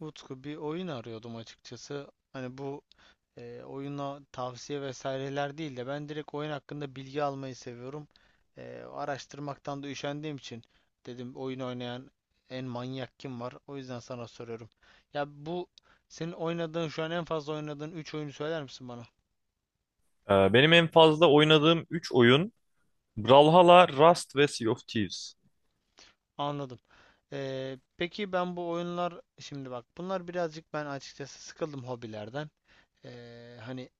Utku bir oyun arıyordum açıkçası. Hani bu oyuna tavsiye vesaireler değil de ben direkt oyun hakkında bilgi almayı seviyorum. Araştırmaktan da üşendiğim için dedim oyun oynayan en manyak kim var? O yüzden sana soruyorum. Ya bu senin oynadığın şu an en fazla oynadığın 3 oyunu söyler misin bana? Benim en fazla oynadığım 3 oyun Brawlhalla, Rust ve Sea of Thieves. Anladım. Peki ben bu oyunlar şimdi bak bunlar birazcık ben açıkçası sıkıldım hobilerden. Hani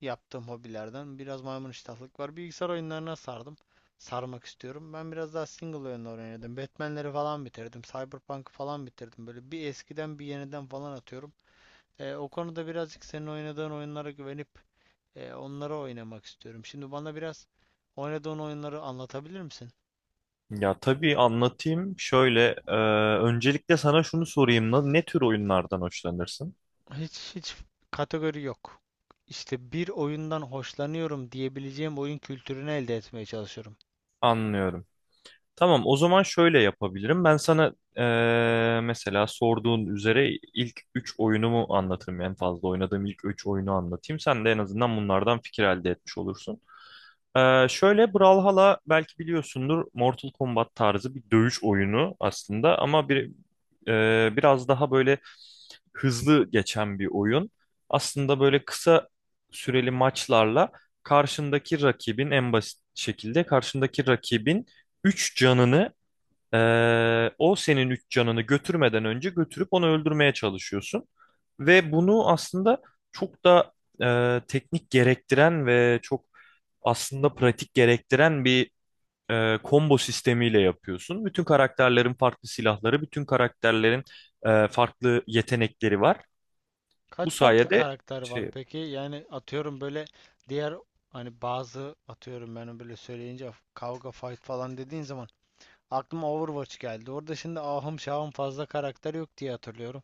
yaptığım hobilerden biraz maymun iştahlık var. Bilgisayar oyunlarına sardım. Sarmak istiyorum. Ben biraz daha single oyunlar oynadım. Batman'leri falan bitirdim. Cyberpunk'ı falan bitirdim. Böyle bir eskiden bir yeniden falan atıyorum. O konuda birazcık senin oynadığın oyunlara güvenip onları oynamak istiyorum. Şimdi bana biraz oynadığın oyunları anlatabilir misin? Ya tabii anlatayım. Şöyle, öncelikle sana şunu sorayım. Ne tür oyunlardan hoşlanırsın? Hiç hiç kategori yok. İşte bir oyundan hoşlanıyorum diyebileceğim oyun kültürünü elde etmeye çalışıyorum. Anlıyorum. Tamam, o zaman şöyle yapabilirim. Ben sana mesela sorduğun üzere ilk 3 oyunumu anlatırım. En fazla oynadığım ilk 3 oyunu anlatayım. Sen de en azından bunlardan fikir elde etmiş olursun. Şöyle, Brawlhalla belki biliyorsundur, Mortal Kombat tarzı bir dövüş oyunu aslında ama bir biraz daha böyle hızlı geçen bir oyun. Aslında böyle kısa süreli maçlarla karşındaki rakibin en basit şekilde karşındaki rakibin 3 canını, o senin üç canını götürmeden önce götürüp onu öldürmeye çalışıyorsun. Ve bunu aslında çok da teknik gerektiren ve çok aslında pratik gerektiren bir combo sistemiyle yapıyorsun. Bütün karakterlerin farklı silahları, bütün karakterlerin farklı yetenekleri var. Bu Kaç farklı sayede karakter var şey, peki? Yani atıyorum böyle diğer hani bazı atıyorum ben böyle söyleyince kavga fight falan dediğin zaman aklıma Overwatch geldi. Orada şimdi ahım şahım fazla karakter yok diye hatırlıyorum.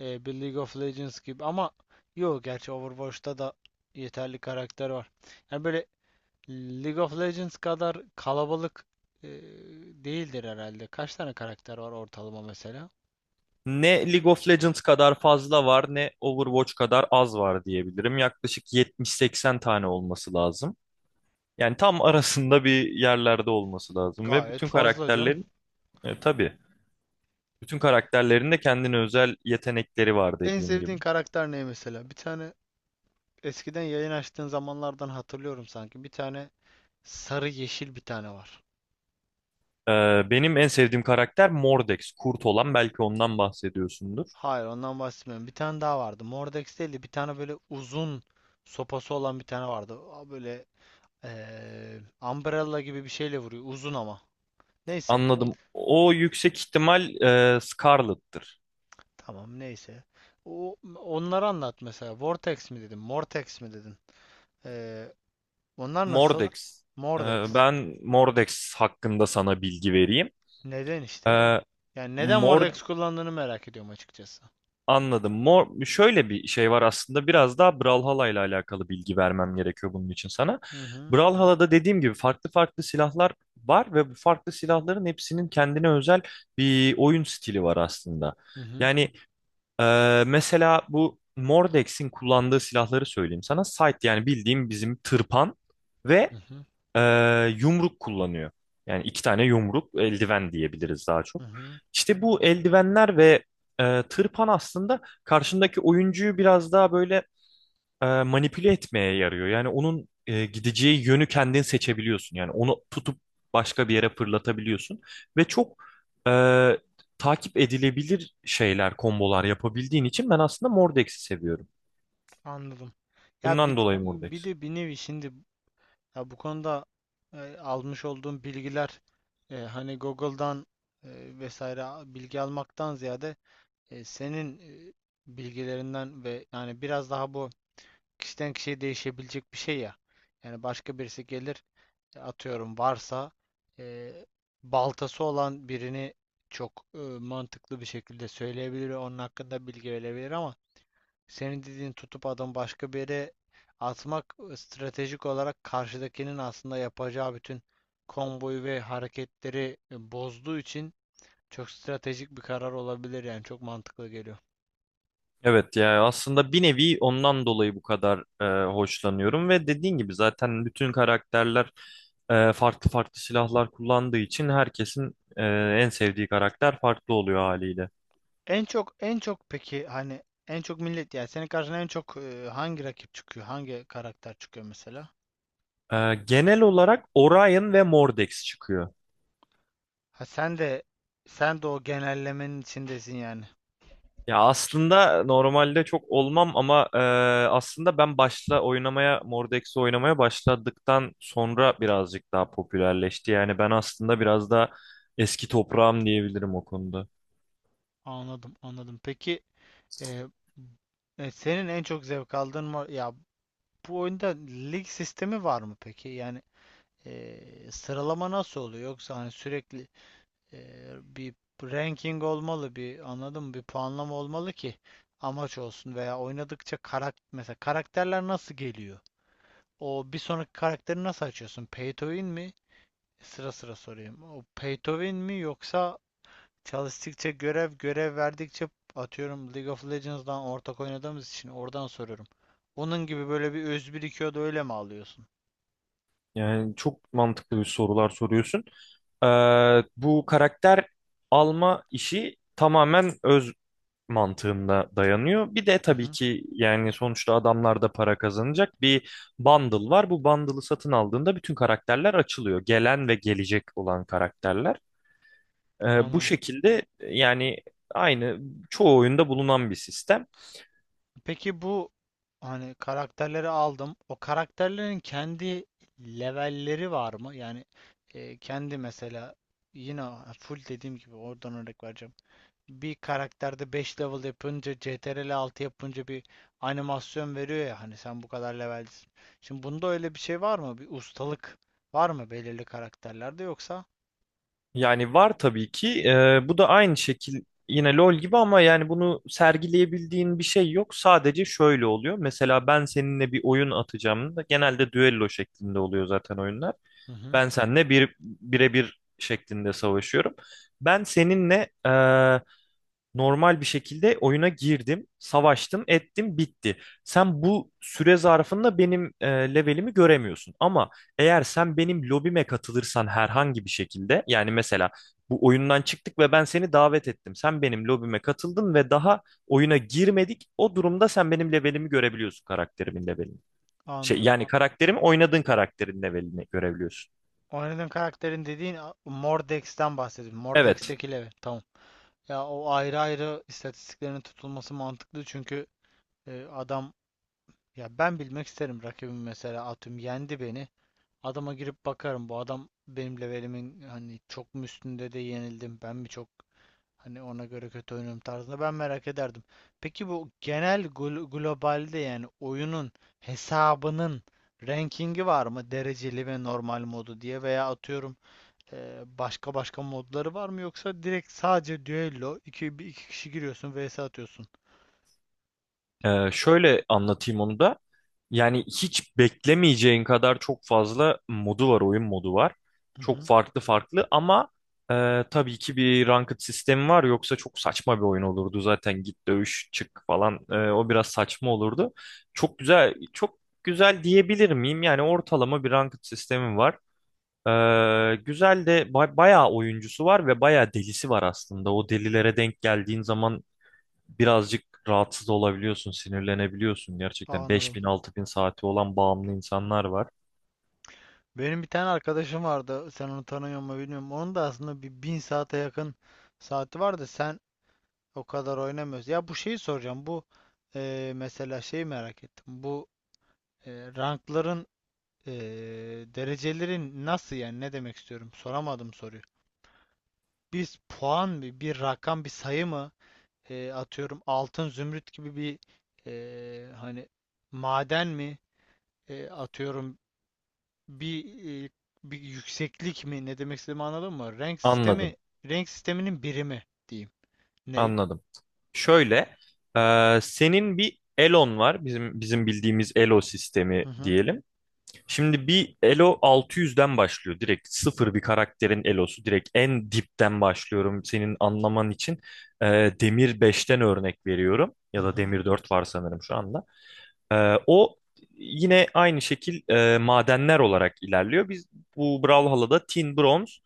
Bir League of Legends gibi ama yok gerçi Overwatch'ta da yeterli karakter var. Yani böyle League of Legends kadar kalabalık e, değildir herhalde. Kaç tane karakter var ortalama mesela? ne League of Legends kadar fazla var, ne Overwatch kadar az var diyebilirim. Yaklaşık 70-80 tane olması lazım. Yani tam arasında bir yerlerde olması lazım ve Gayet bütün fazla canım. karakterlerin, tabii, bütün karakterlerin de kendine özel yetenekleri var En dediğim gibi. sevdiğin karakter ne mesela? Bir tane eskiden yayın açtığın zamanlardan hatırlıyorum sanki. Bir tane sarı yeşil bir tane var. Benim en sevdiğim karakter Mordex, kurt olan, belki ondan bahsediyorsundur. Hayır ondan bahsetmiyorum. Bir tane daha vardı. Mordex değildi. Bir tane böyle uzun sopası olan bir tane vardı. Aa, böyle umbrella gibi bir şeyle vuruyor. Uzun ama. Neyse. Anladım. O yüksek ihtimal Scarlet'tır. Tamam neyse. Onları anlat mesela. Vortex mi dedin? Mortex mi dedin? Eee, Onlar nasıl? Mordex. Mordex. Ben Mordex hakkında sana bilgi vereyim. Neden işte? Ee, Yani neden Mor- Mordex kullandığını merak ediyorum açıkçası. Anladım. Şöyle bir şey var aslında, biraz daha Brawlhalla ile alakalı bilgi vermem gerekiyor bunun için sana. Hı hı. Brawlhalla'da dediğim gibi farklı farklı silahlar var ve bu farklı silahların hepsinin kendine özel bir oyun stili var aslında. Hı hı. Yani mesela bu Mordex'in kullandığı silahları söyleyeyim sana. Sight, yani bildiğim bizim tırpan, Hı ve hı. Yumruk kullanıyor. Yani iki tane yumruk, eldiven diyebiliriz daha Hı çok. hı. İşte bu eldivenler ve tırpan aslında karşındaki oyuncuyu biraz daha böyle manipüle etmeye yarıyor. Yani onun gideceği yönü kendin seçebiliyorsun. Yani onu tutup başka bir yere fırlatabiliyorsun. Ve çok e, takip edilebilir şeyler, kombolar yapabildiğin için ben aslında Mordeks'i seviyorum. Anladım. Ya Bundan dolayı bir Mordex. de bir nevi şimdi ya bu konuda almış olduğum bilgiler hani Google'dan vesaire bilgi almaktan ziyade senin e, bilgilerinden ve yani biraz daha bu kişiden kişiye değişebilecek bir şey ya. Yani başka birisi gelir atıyorum varsa e, baltası olan birini çok mantıklı bir şekilde söyleyebilir, onun hakkında bilgi verebilir ama senin dediğin tutup adam başka bir yere atmak stratejik olarak karşıdakinin aslında yapacağı bütün komboyu ve hareketleri bozduğu için çok stratejik bir karar olabilir yani çok mantıklı geliyor. Evet ya, aslında bir nevi ondan dolayı bu kadar hoşlanıyorum ve dediğin gibi zaten bütün karakterler farklı farklı silahlar kullandığı için herkesin en sevdiği karakter farklı oluyor haliyle. En çok en çok peki hani en çok millet yani senin karşına en çok hangi rakip çıkıyor? Hangi karakter çıkıyor mesela? Genel olarak Orion ve Mordex çıkıyor. Ha sen de o genellemenin içindesin yani. Ya aslında normalde çok olmam ama aslında ben başla oynamaya Mordex'i oynamaya başladıktan sonra birazcık daha popülerleşti. Yani ben aslında biraz daha eski toprağım diyebilirim o konuda. Anladım, anladım. Peki e, senin en çok zevk aldığın var ya. Bu oyunda lig sistemi var mı peki? Yani sıralama nasıl oluyor? Yoksa hani sürekli e, bir ranking olmalı, bir anladın mı? Bir puanlama olmalı ki amaç olsun veya oynadıkça mesela karakterler nasıl geliyor? O bir sonraki karakteri nasıl açıyorsun? Pay to win mi? Sıra sıra sorayım. O pay to win mi yoksa çalıştıkça görev görev verdikçe atıyorum League of Legends'dan ortak oynadığımız için oradan soruyorum. Onun gibi böyle bir öz birikiyor da öyle mi alıyorsun? Yani çok mantıklı bir sorular soruyorsun. Bu karakter alma işi tamamen öz mantığında dayanıyor. Bir de Hı tabii hı, ki yani sonuçta adamlar da para kazanacak bir bundle var. Bu bundle'ı satın aldığında bütün karakterler açılıyor. Gelen ve gelecek olan karakterler. Bu anladım. şekilde yani aynı çoğu oyunda bulunan bir sistem. Peki bu hani karakterleri aldım. O karakterlerin kendi levelleri var mı? Yani kendi mesela yine full dediğim gibi oradan örnek vereceğim. Bir karakterde 5 level yapınca Ctrl+6 yapınca bir animasyon veriyor ya hani sen bu kadar levelsin. Şimdi bunda öyle bir şey var mı? Bir ustalık var mı belirli karakterlerde yoksa? Yani var tabii ki. Bu da aynı şekil, yine LoL gibi, ama yani bunu sergileyebildiğin bir şey yok. Sadece şöyle oluyor. Mesela ben seninle bir oyun atacağım da genelde düello şeklinde oluyor zaten oyunlar. Hı hı, Ben seninle bir birebir şeklinde savaşıyorum. Ben seninle normal bir şekilde oyuna girdim, savaştım, ettim, bitti. Sen bu süre zarfında benim levelimi göremiyorsun. Ama eğer sen benim lobime katılırsan herhangi bir şekilde, yani mesela bu oyundan çıktık ve ben seni davet ettim. Sen benim lobime katıldın ve daha oyuna girmedik. O durumda sen benim levelimi görebiliyorsun, karakterimin levelini. Anladım. Yani, oynadığın karakterin levelini görebiliyorsun. Oynadığın karakterin dediğin Mordex'ten bahsediyorum. Evet. Mordex'teki level. Tamam. Ya o ayrı ayrı istatistiklerin tutulması mantıklı çünkü adam ya ben bilmek isterim rakibim mesela atıyorum yendi beni. Adama girip bakarım bu adam benim levelimin hani çok mu üstünde de yenildim ben mi çok hani ona göre kötü oynuyorum tarzında ben merak ederdim. Peki bu genel globalde yani oyunun hesabının rankingi var mı dereceli ve normal modu diye veya atıyorum başka başka modları var mı yoksa direkt sadece düello iki, iki kişi giriyorsun vs atıyorsun. Şöyle anlatayım onu da. Yani hiç beklemeyeceğin kadar çok fazla modu var, oyun modu var. Hı Çok hı. farklı farklı ama tabii ki bir ranked sistemi var. Yoksa çok saçma bir oyun olurdu zaten. Git dövüş çık falan. O biraz saçma olurdu. Çok güzel, çok güzel diyebilir miyim? Yani ortalama bir ranked sistemi var. Güzel de bayağı oyuncusu var ve bayağı delisi var aslında. O delilere denk geldiğin zaman birazcık rahatsız olabiliyorsun, sinirlenebiliyorsun Aa, gerçekten. anladım. 5.000-6.000 saati olan bağımlı insanlar var. Benim bir tane arkadaşım vardı. Sen onu tanıyor mu bilmiyorum. Onun da aslında bir 1.000 saate yakın saati var da sen o kadar oynamıyorsun. Ya bu şeyi soracağım. Bu mesela şeyi merak ettim. Bu e, rankların e, derecelerin nasıl yani ne demek istiyorum? Soramadım soruyu. Biz puan mı, bir rakam, bir sayı mı? Atıyorum altın zümrüt gibi bir hani maden mi? Atıyorum bir e, bir yükseklik mi ne demek istediğimi anladın mı? Renk Anladım, sistemi renk sisteminin birimi diyeyim. Ney? anladım. Şöyle, senin bir Elon var. Bizim bildiğimiz Elo sistemi Hı hı. diyelim. Şimdi bir Elo 600'den başlıyor. Direkt sıfır bir karakterin Elo'su. Direkt en dipten başlıyorum senin anlaman için. E, Demir beşten örnek veriyorum. Hı Ya da hı. Demir 4 var sanırım şu anda. O yine aynı şekil, madenler olarak ilerliyor. Biz bu Brawlhalla'da tin, bronz,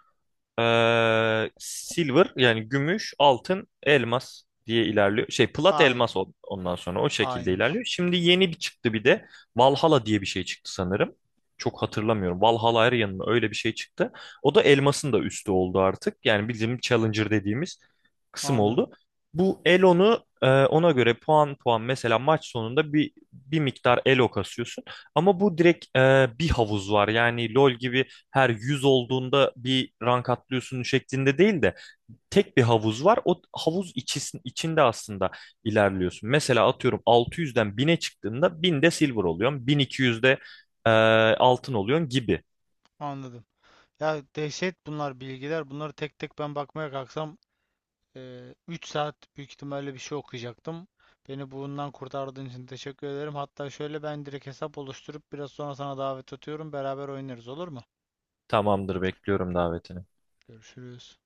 silver yani gümüş, altın, elmas diye ilerliyor. Plat, Aynı. elmas, ondan sonra o şekilde Aynıymış. ilerliyor. Şimdi yeni bir çıktı bir de Valhalla diye bir şey çıktı sanırım. Çok hatırlamıyorum. Valhalla Arian mı, öyle bir şey çıktı. O da elmasın da üstü oldu artık. Yani bizim Challenger dediğimiz kısım Anladım. oldu. Bu Elo'nu ona göre puan puan, mesela maç sonunda bir miktar Elo kasıyorsun. Ama bu direkt bir havuz var. Yani LoL gibi her 100 olduğunda bir rank atlıyorsun şeklinde değil de tek bir havuz var. O havuz içisin, içinde aslında ilerliyorsun. Mesela atıyorum 600'den 1000'e çıktığında 1000'de silver oluyorsun, 1200'de eee altın oluyorsun gibi. Anladım. Ya dehşet bunlar bilgiler. Bunları tek tek ben bakmaya kalksam 3 saat büyük ihtimalle bir şey okuyacaktım. Beni bundan kurtardığın için teşekkür ederim. Hatta şöyle ben direkt hesap oluşturup biraz sonra sana davet atıyorum. Beraber oynarız olur mu? Tamamdır, bekliyorum davetini. Görüşürüz.